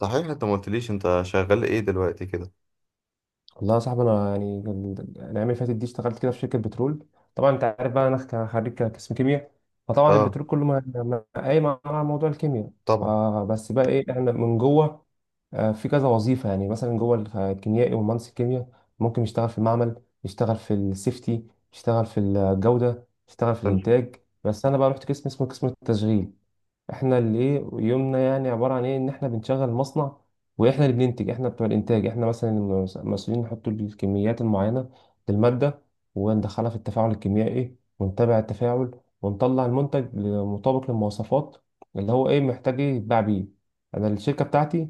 صحيح، انت ما قلتليش انت شغال ايه دلوقتي كده؟ والله يا صاحبي، انا يعني الايام اللي فاتت دي اشتغلت كده في شركه بترول. طبعا انت عارف بقى انا خريج قسم كيمياء. فطبعا اه. البترول كله قايم على موضوع الكيمياء. طبعا. فبس بقى ايه احنا من جوه؟ في كذا وظيفه، يعني مثلا جوه الكيميائي ومهندس الكيمياء ممكن يشتغل في المعمل، يشتغل في السيفتي، يشتغل في الجوده، يشتغل في حلو. الانتاج. بس انا بقى رحت قسم اسمه قسم التشغيل. احنا اللي ايه يومنا، يعني عباره عن ايه ان احنا بنشغل مصنع، واحنا اللي بننتج، احنا بتوع الانتاج، احنا مثلا المسؤولين نحط الكميات المعينه للماده، وندخلها في التفاعل الكيميائي ونتابع التفاعل، ونطلع المنتج مطابق للمواصفات، اللي هو ايه محتاج ايه يتباع بيه. انا الشركه بتاعتي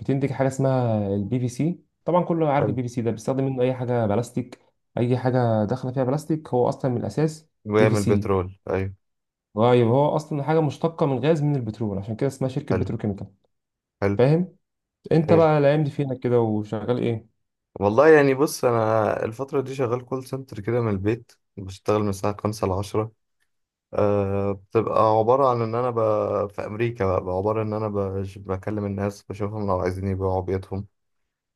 بتنتج حاجه اسمها البي في سي. طبعا كله عارف حلو. البي في سي ده بيستخدم منه اي حاجه بلاستيك، اي حاجه داخله فيها بلاستيك هو اصلا من الاساس بي في بعمل سي. بترول، ايوه. طيب هو اصلا حاجه مشتقه من غاز، من البترول، عشان كده اسمها شركه حلو. بتروكيميكال. حلو. فاهم؟ انت هايل. بقى الايام دي فينك كده وشغال ايه؟ والله يعني بص، انا الفترة دي شغال كول سنتر كده، من البيت بشتغل من الساعة خمسة لعشرة. آه، بتبقى عبارة عن ان انا في امريكا بقى، عبارة ان انا بكلم الناس، بشوفهم لو عايزين يبيعوا بيوتهم،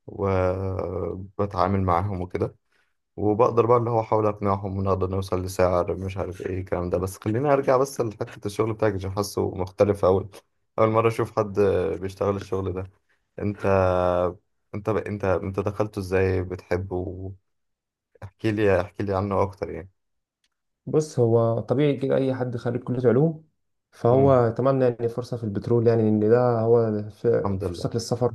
وبتعامل معاهم وكده. وبقدر بقى اللي هو احاول اقنعهم ونقدر نوصل لسعر، مش عارف ايه الكلام ده، بس خليني ارجع بس لحتة الشغل بتاعك عشان حاسه مختلف. اول مرة اشوف حد بيشتغل الشغل ده. انت انت انت دخلته ازاي؟ بتحبه؟ احكي لي احكي لي عنه اكتر يعني. بص، هو طبيعي كده اي حد خريج كليه علوم فهو امم اتمنى يعني فرصه في البترول، يعني ان ده هو الحمد لله. فرصتك للسفر،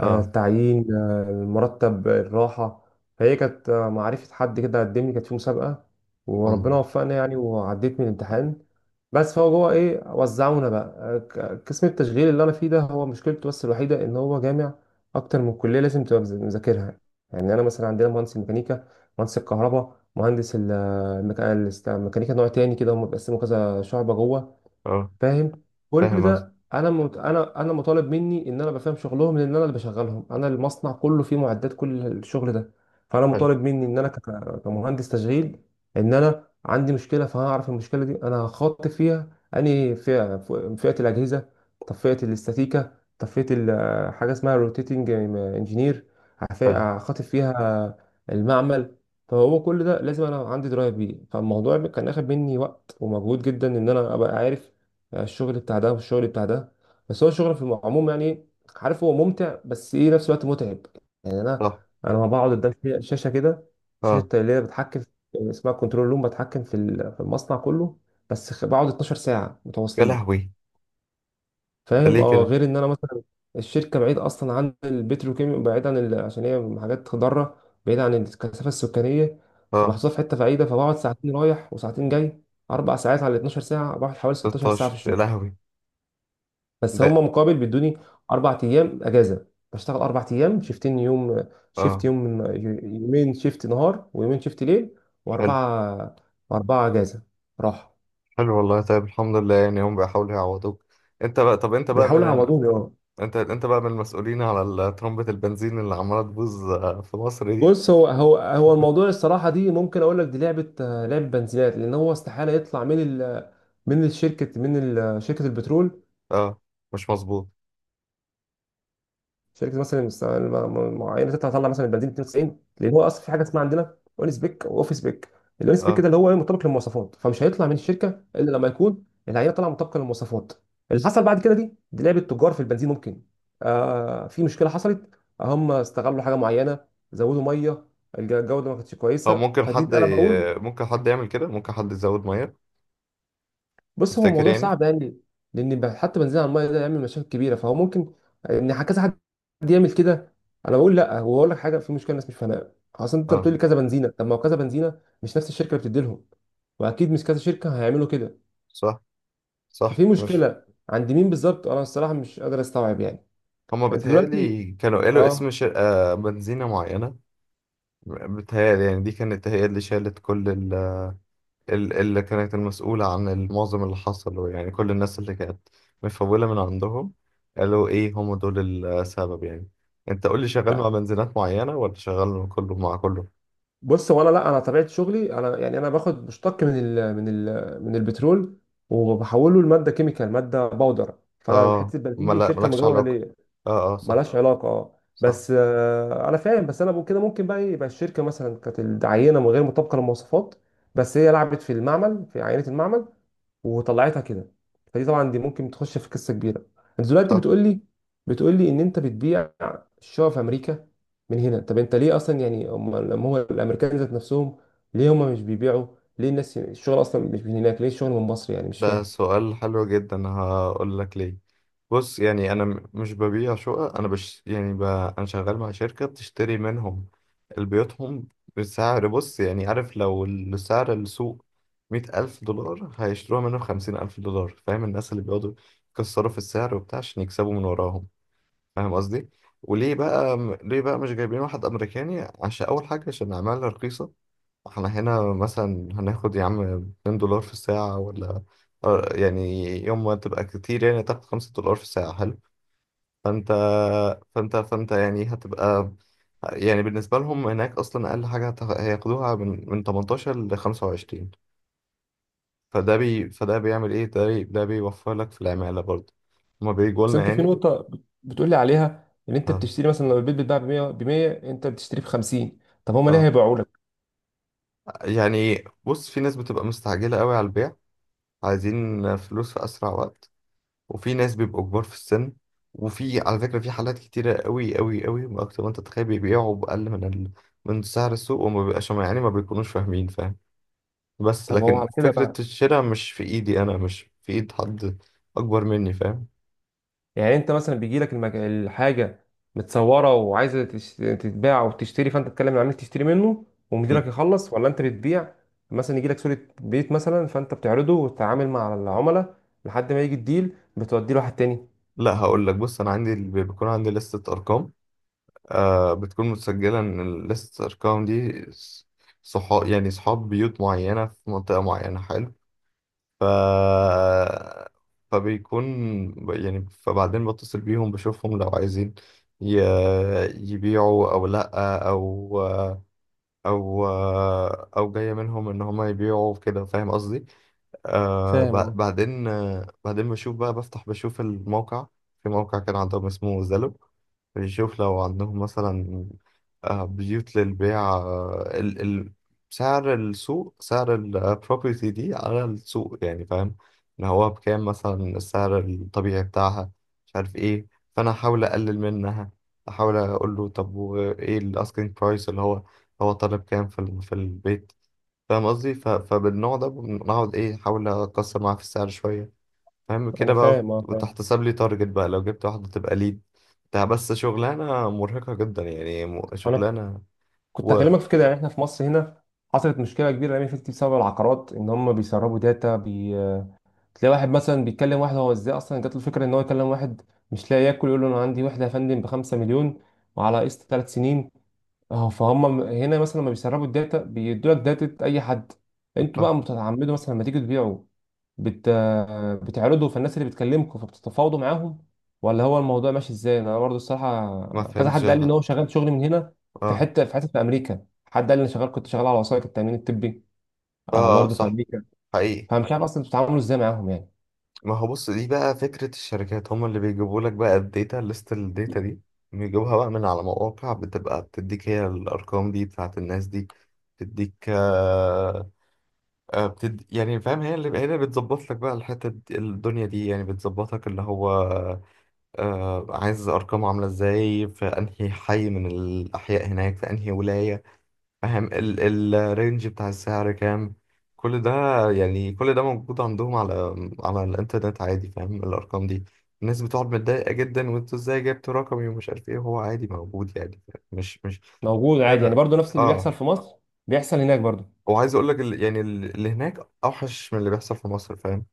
التعيين، المرتب، الراحة. فهي كانت معرفة حد كده قدمني، كانت في مسابقة الحمد وربنا لله. وفقنا يعني وعديت من الامتحان. بس فهو جوه ايه وزعونا بقى قسم التشغيل اللي انا فيه ده، هو مشكلته بس الوحيدة ان هو جامع اكتر من كلية لازم تبقى مذاكرها. يعني انا مثلا عندنا مهندس الميكانيكا، مهندس الكهرباء، مهندس الميكانيكا نوع تاني كده، هم بيقسموا كذا شعبة جوه. اه. فاهم؟ كل فاهم اصلا. ده انا مطالب مني ان انا بفهم شغلهم، لان انا اللي بشغلهم. انا المصنع كله فيه معدات، كل الشغل ده. فانا حلو. مطالب مني ان انا كمهندس تشغيل، ان انا عندي مشكله، فهعرف المشكله دي انا هخاطب فيها انهي فئه. فئه الاجهزه؟ طب فئه الاستاتيكا؟ طب فئه حاجه اسمها روتيتنج انجينير؟ حلو. هخاطب فيها المعمل. فهو كل ده لازم انا عندي درايه بيه. فالموضوع كان اخد مني وقت ومجهود جدا ان انا ابقى عارف الشغل بتاع ده والشغل بتاع ده. بس هو الشغل في العموم، يعني عارف، هو ممتع بس ايه نفس الوقت متعب. يعني انا صح. انا لما بقعد قدام شاشه كده، اه. شاشه اللي هي اسمها كنترول روم بتحكم في في المصنع كله، بس بقعد 12 ساعه يا متواصلين. لهوي! ده فاهم؟ ليه اه، كده؟ غير ان انا مثلا الشركه بعيد اصلا عن البتروكيمياء، بعيد عن عشان هي حاجات ضاره، بعيد عن الكثافه السكانيه، اه. فمحطوطه في حته بعيده. فبقعد ساعتين رايح وساعتين جاي، اربع ساعات على 12 ساعه، بقعد حوالي 16 ساعه في 16، يا الشغل. لهوي! بس هم ده. مقابل بيدوني اربع ايام اجازه. بشتغل اربع ايام، شيفتين يوم، شيفت اه. يوم، يومين شيفت نهار ويومين شيفت ليل، حلو. واربعه، واربعه اجازه، راحه. حلو والله، طيب الحمد لله، يعني هم بيحاولوا يعوضوك. انت بقى، طب انت بقى من بيحاولوا يعوضوني، اه. انت بقى من المسؤولين على طرمبة البنزين اللي عمالة تبوظ في مصر دي؟ بص، هو الموضوع الصراحه دي، ممكن اقول لك دي لعبه، لعبه بنزينات. لان هو استحاله يطلع من ال، من الشركه، من شركه البترول. اه. مش مظبوط. شركه مثلا معينه تطلع مثلا البنزين 92، لان هو اصلا في حاجه اسمها عندنا اون سبيك واوف سبيك. الاون سبيك ده اه. اللي هو إيه؟ مطابق للمواصفات. فمش هيطلع من الشركه الا لما يكون العينه طالعه مطابقه للمواصفات. اللي حصل بعد كده، دي لعبه تجار في البنزين. ممكن، في مشكله حصلت، هم استغلوا حاجه معينه، زودوا ميه، الجوده ما كانتش طب كويسه. ممكن فدي حد انا بقول. ممكن حد يعمل كده؟ ممكن حد يزود ميه؟ بص، هو تفتكر موضوع يعني؟ صعب يعني، لان حتى بنزين على الميه ده يعمل مشاكل كبيره، فهو ممكن ان كذا حد يعمل كده. انا بقول لا. هو اقول لك حاجه، في مشكله الناس مش فاهمها، اصل انت اه. بتقول لي كذا بنزينه، طب ما هو كذا بنزينه مش نفس الشركه اللي بتدي لهم، واكيد مش كذا شركه هيعملوا كده. صح. صح، ففي مش... مشكله عند مين بالظبط؟ انا الصراحه مش قادر استوعب، يعني. هما انت دلوقتي، بيتهيألي كانوا قالوا اسم اه. شركة بنزينة معينة. بيتهيألي يعني دي كانت هي اللي شالت كل اللي كانت المسؤولة عن المعظم اللي حصل، يعني كل الناس اللي كانت مفولة من عندهم. قالوا إيه؟ هم دول السبب يعني. أنت قول لي، شغال مع لا، بنزينات معينة ولا شغال مع كله، مع كله؟ بص هو انا، لا انا طبيعه شغلي، انا يعني انا باخد مشتق من البترول، وبحوله لماده كيميكال، ماده باودر، فانا آه، حته البنزين دي في شركه مالكش علاقة. مجاوره، آه آه، صح. ملهاش علاقه. اه صح. بس، انا فاهم. بس انا بقول كده ممكن بقى إيه، يبقى الشركه مثلا كانت العينه من غير مطابقه للمواصفات، بس هي لعبت في المعمل في عينه المعمل وطلعتها كده. فدي طبعا دي ممكن تخش في قصه كبيره. انت دلوقتي صح. بتقول لي ان انت بتبيع الشقق في امريكا من هنا. طب انت ليه اصلا، يعني هم لما هو الامريكان ذات نفسهم، ليه هم مش بيبيعوا؟ ليه الناس الشغل اصلا مش من هناك؟ ليه الشغل من مصر؟ يعني مش ده فاهم. سؤال حلو جدا، هقول لك ليه. بص يعني انا مش ببيع شقق، انا بش يعني انا شغال مع شركة بتشتري منهم بيوتهم بسعر. بص يعني عارف، لو السعر السوق 100,000 دولار، هيشتروها منه بـ50,000 دولار، فاهم؟ الناس اللي بيقعدوا يكسروا في السعر وبتاع عشان يكسبوا من وراهم، فاهم قصدي؟ وليه بقى؟ ليه بقى مش جايبين واحد أمريكاني؟ عشان أول حاجة، عشان العمالة رخيصة. احنا هنا مثلا هناخد، يا عم، $2 في الساعة، ولا آه، يعني يوم ما تبقى كتير يعني تاخد $5 في الساعة. حلو. فانت فانت يعني هتبقى... يعني بالنسبة لهم هناك، أصلا أقل حاجة هياخدوها من 18 ل 25. فده بيعمل إيه؟ ده بيوفر لك في العمالة برضه. هما بيجوا بس لنا انت في يعني. نقطة بتقول لي عليها ان انت اه. بتشتري، مثلا لو البيت بيتباع ب 100، ب 100 انت بتشتريه ب 50، طب هما ليه اه. هيبيعوا لك؟ يعني بص، في ناس بتبقى مستعجلة قوي على البيع، عايزين فلوس في أسرع وقت. وفي ناس بيبقوا كبار في السن. وفي، على فكرة، في حالات كتيرة قوي قوي قوي، ما أكتر ما أنت تتخيل، بيبيعوا بأقل من من سعر السوق، وما بيبقاش يعني، ما بيكونوش فاهمين، فاهم؟ بس طب هو لكن على كده فكرة بقى، الشراء مش في إيدي أنا، مش في إيد حد أكبر مني، فاهم؟ يعني انت مثلا بيجي لك الحاجة متصورة وعايزة تتباع او تشتري، فانت تتكلم مع العميل تشتري منه ل- ومديرك يخلص، ولا انت بتبيع؟ مثلا يجي لك صورة بيت، مثلا فانت بتعرضه وتتعامل مع العملاء لحد ما يجي الديل بتوديه لواحد تاني؟ لا، هقول لك. بص، أنا عندي بيكون عندي لستة أرقام. آه، بتكون متسجلة إن لستة الأرقام دي صحاب، يعني صحاب بيوت معينة في منطقة معينة. حلو. ف فبيكون يعني، فبعدين بتصل بيهم، بشوفهم لو عايزين ي... يبيعوا او لا، او او او جاية منهم ان هما يبيعوا كده، فاهم قصدي؟ آه، فاهم، اه. بعدين، آه بعدين بشوف بقى، بفتح بشوف الموقع. في موقع كان عندهم اسمه زلو، بنشوف لو عندهم مثلا آه بيوت للبيع. آه، ال سعر السوق، سعر البروبرتي دي على السوق، يعني فاهم ان هو بكام مثلا السعر الطبيعي بتاعها، مش عارف ايه. فانا احاول اقلل منها، احاول اقول له طب وايه الاسكينج برايس اللي هو، هو طالب كام في في البيت؟ فاهم قصدي؟ فبالنوع ده بنقعد ايه احاول اكسر معاه في السعر شويه، فاهم كده انا بقى؟ فاهم، اه، فاهم. وتحتسب لي تارجت بقى لو جبت واحده، تبقى ليد. ده بس شغلانه مرهقه جدا، يعني انا شغلانه... كنت و... هكلمك في كده. يعني احنا في مصر هنا حصلت مشكله كبيره الايام اللي فاتت بسبب العقارات، ان هم بيسربوا داتا تلاقي واحد مثلا بيتكلم واحد، هو ازاي اصلا جات له الفكره ان هو يكلم واحد مش لاقي ياكل يقول له انا عندي وحده يا فندم ب 5 مليون وعلى قسط 3 سنين؟ اه، فهم هنا مثلا لما بيسربوا الداتا بيدوا لك داتا اي حد. ف... انتوا بقى بتتعمدوا مثلا لما تيجوا تبيعوا، بت... بتعرضوا، فالناس اللي بتكلمكم فبتتفاوضوا معاهم، ولا هو الموضوع ماشي ازاي؟ انا برضه ما الصراحه كذا فهمتش حد قال لي ان الحد. هو شغال شغل من هنا في اه. حته في امريكا. حد قال لي انا شغال، كنت شغال على وثائق التامين الطبي، اه. آه، برضه في صح. امريكا. حقيقي. فمش عارف اصلا بتتعاملوا ازاي معاهم، يعني. ما هو بص، دي بقى فكره الشركات، هم اللي بيجيبوا لك بقى الداتا ليست، الداتا دي بيجيبوها بقى من على مواقع، بتبقى بتديك هي الارقام دي بتاعت الناس دي، تديك. آه، يعني فاهم، هي اللي بتظبط لك بقى الحتة دي- الدنيا دي، يعني بتظبطك اللي هو آه، عايز أرقامه عاملة ازاي في أنهي حي من الأحياء هناك، في أنهي ولاية، فاهم؟ الرينج بتاع السعر كام، كل ده، يعني كل ده موجود عندهم على الإنترنت عادي، فاهم؟ الأرقام دي، الناس بتقعد متضايقة جدا، وانتوا ازاي جبتوا رقمي ومش عارف ايه، هو عادي موجود يعني، مش موجود عادي، يعني برضه نفس اللي اه. بيحصل في مصر بيحصل هناك برضه. وعايز اقول لك يعني اللي هناك اوحش من اللي بيحصل في مصر، فاهم؟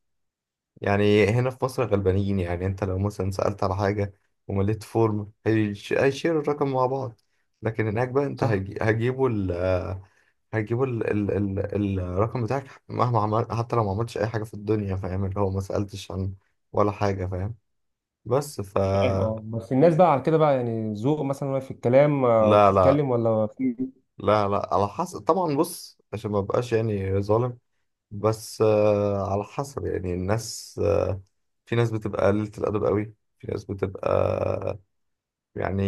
يعني هنا في مصر غلبانين، يعني انت لو مثلا سألت على حاجة ومليت فورم، هيشيروا الرقم مع بعض. لكن هناك بقى انت صح. هيجي- هيجيبوا ال هيجيبوا ال ال ال الرقم بتاعك مهما عمل، حتى لو ما عملتش اي حاجة في الدنيا، فاهم؟ اللي هو ما سألتش عن ولا حاجة، فاهم؟ بس فاهم، اه. بس الناس بقى على كده بقى، يعني ذوق مثلا، وهي في الكلام لا لا. وبتتكلم، ولا في؟ لا لا، على حسب طبعا، بص عشان ما بقاش يعني ظالم. بس آه، على حسب يعني، الناس في ناس بتبقى قليلة الأدب قوي، في ناس بتبقى يعني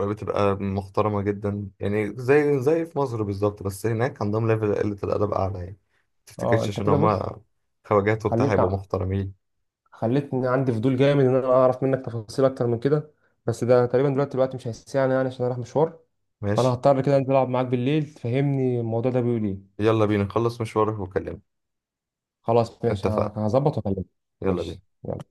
بتبقى محترمة جدا، يعني زي في مصر بالظبط. بس هناك عندهم ليفل قلة الأدب أعلى يعني، اه، متفتكرش انت عشان كده بص، هما خواجات وبتاع خليت هيبقوا محترمين. خليتني عندي فضول جامد ان انا اعرف منك تفاصيل اكتر من كده. بس ده تقريبا دلوقتي الوقت مش هيسعني، يعني عشان اروح مشوار. فانا ماشي. هضطر كده انزل العب معاك بالليل تفهمني الموضوع ده بيقول ايه. يلا بينا نخلص مشوارك وكلمني. خلاص، ماشي، اتفقنا. هظبط واكلمك. يلا بينا. ماشي، يلا.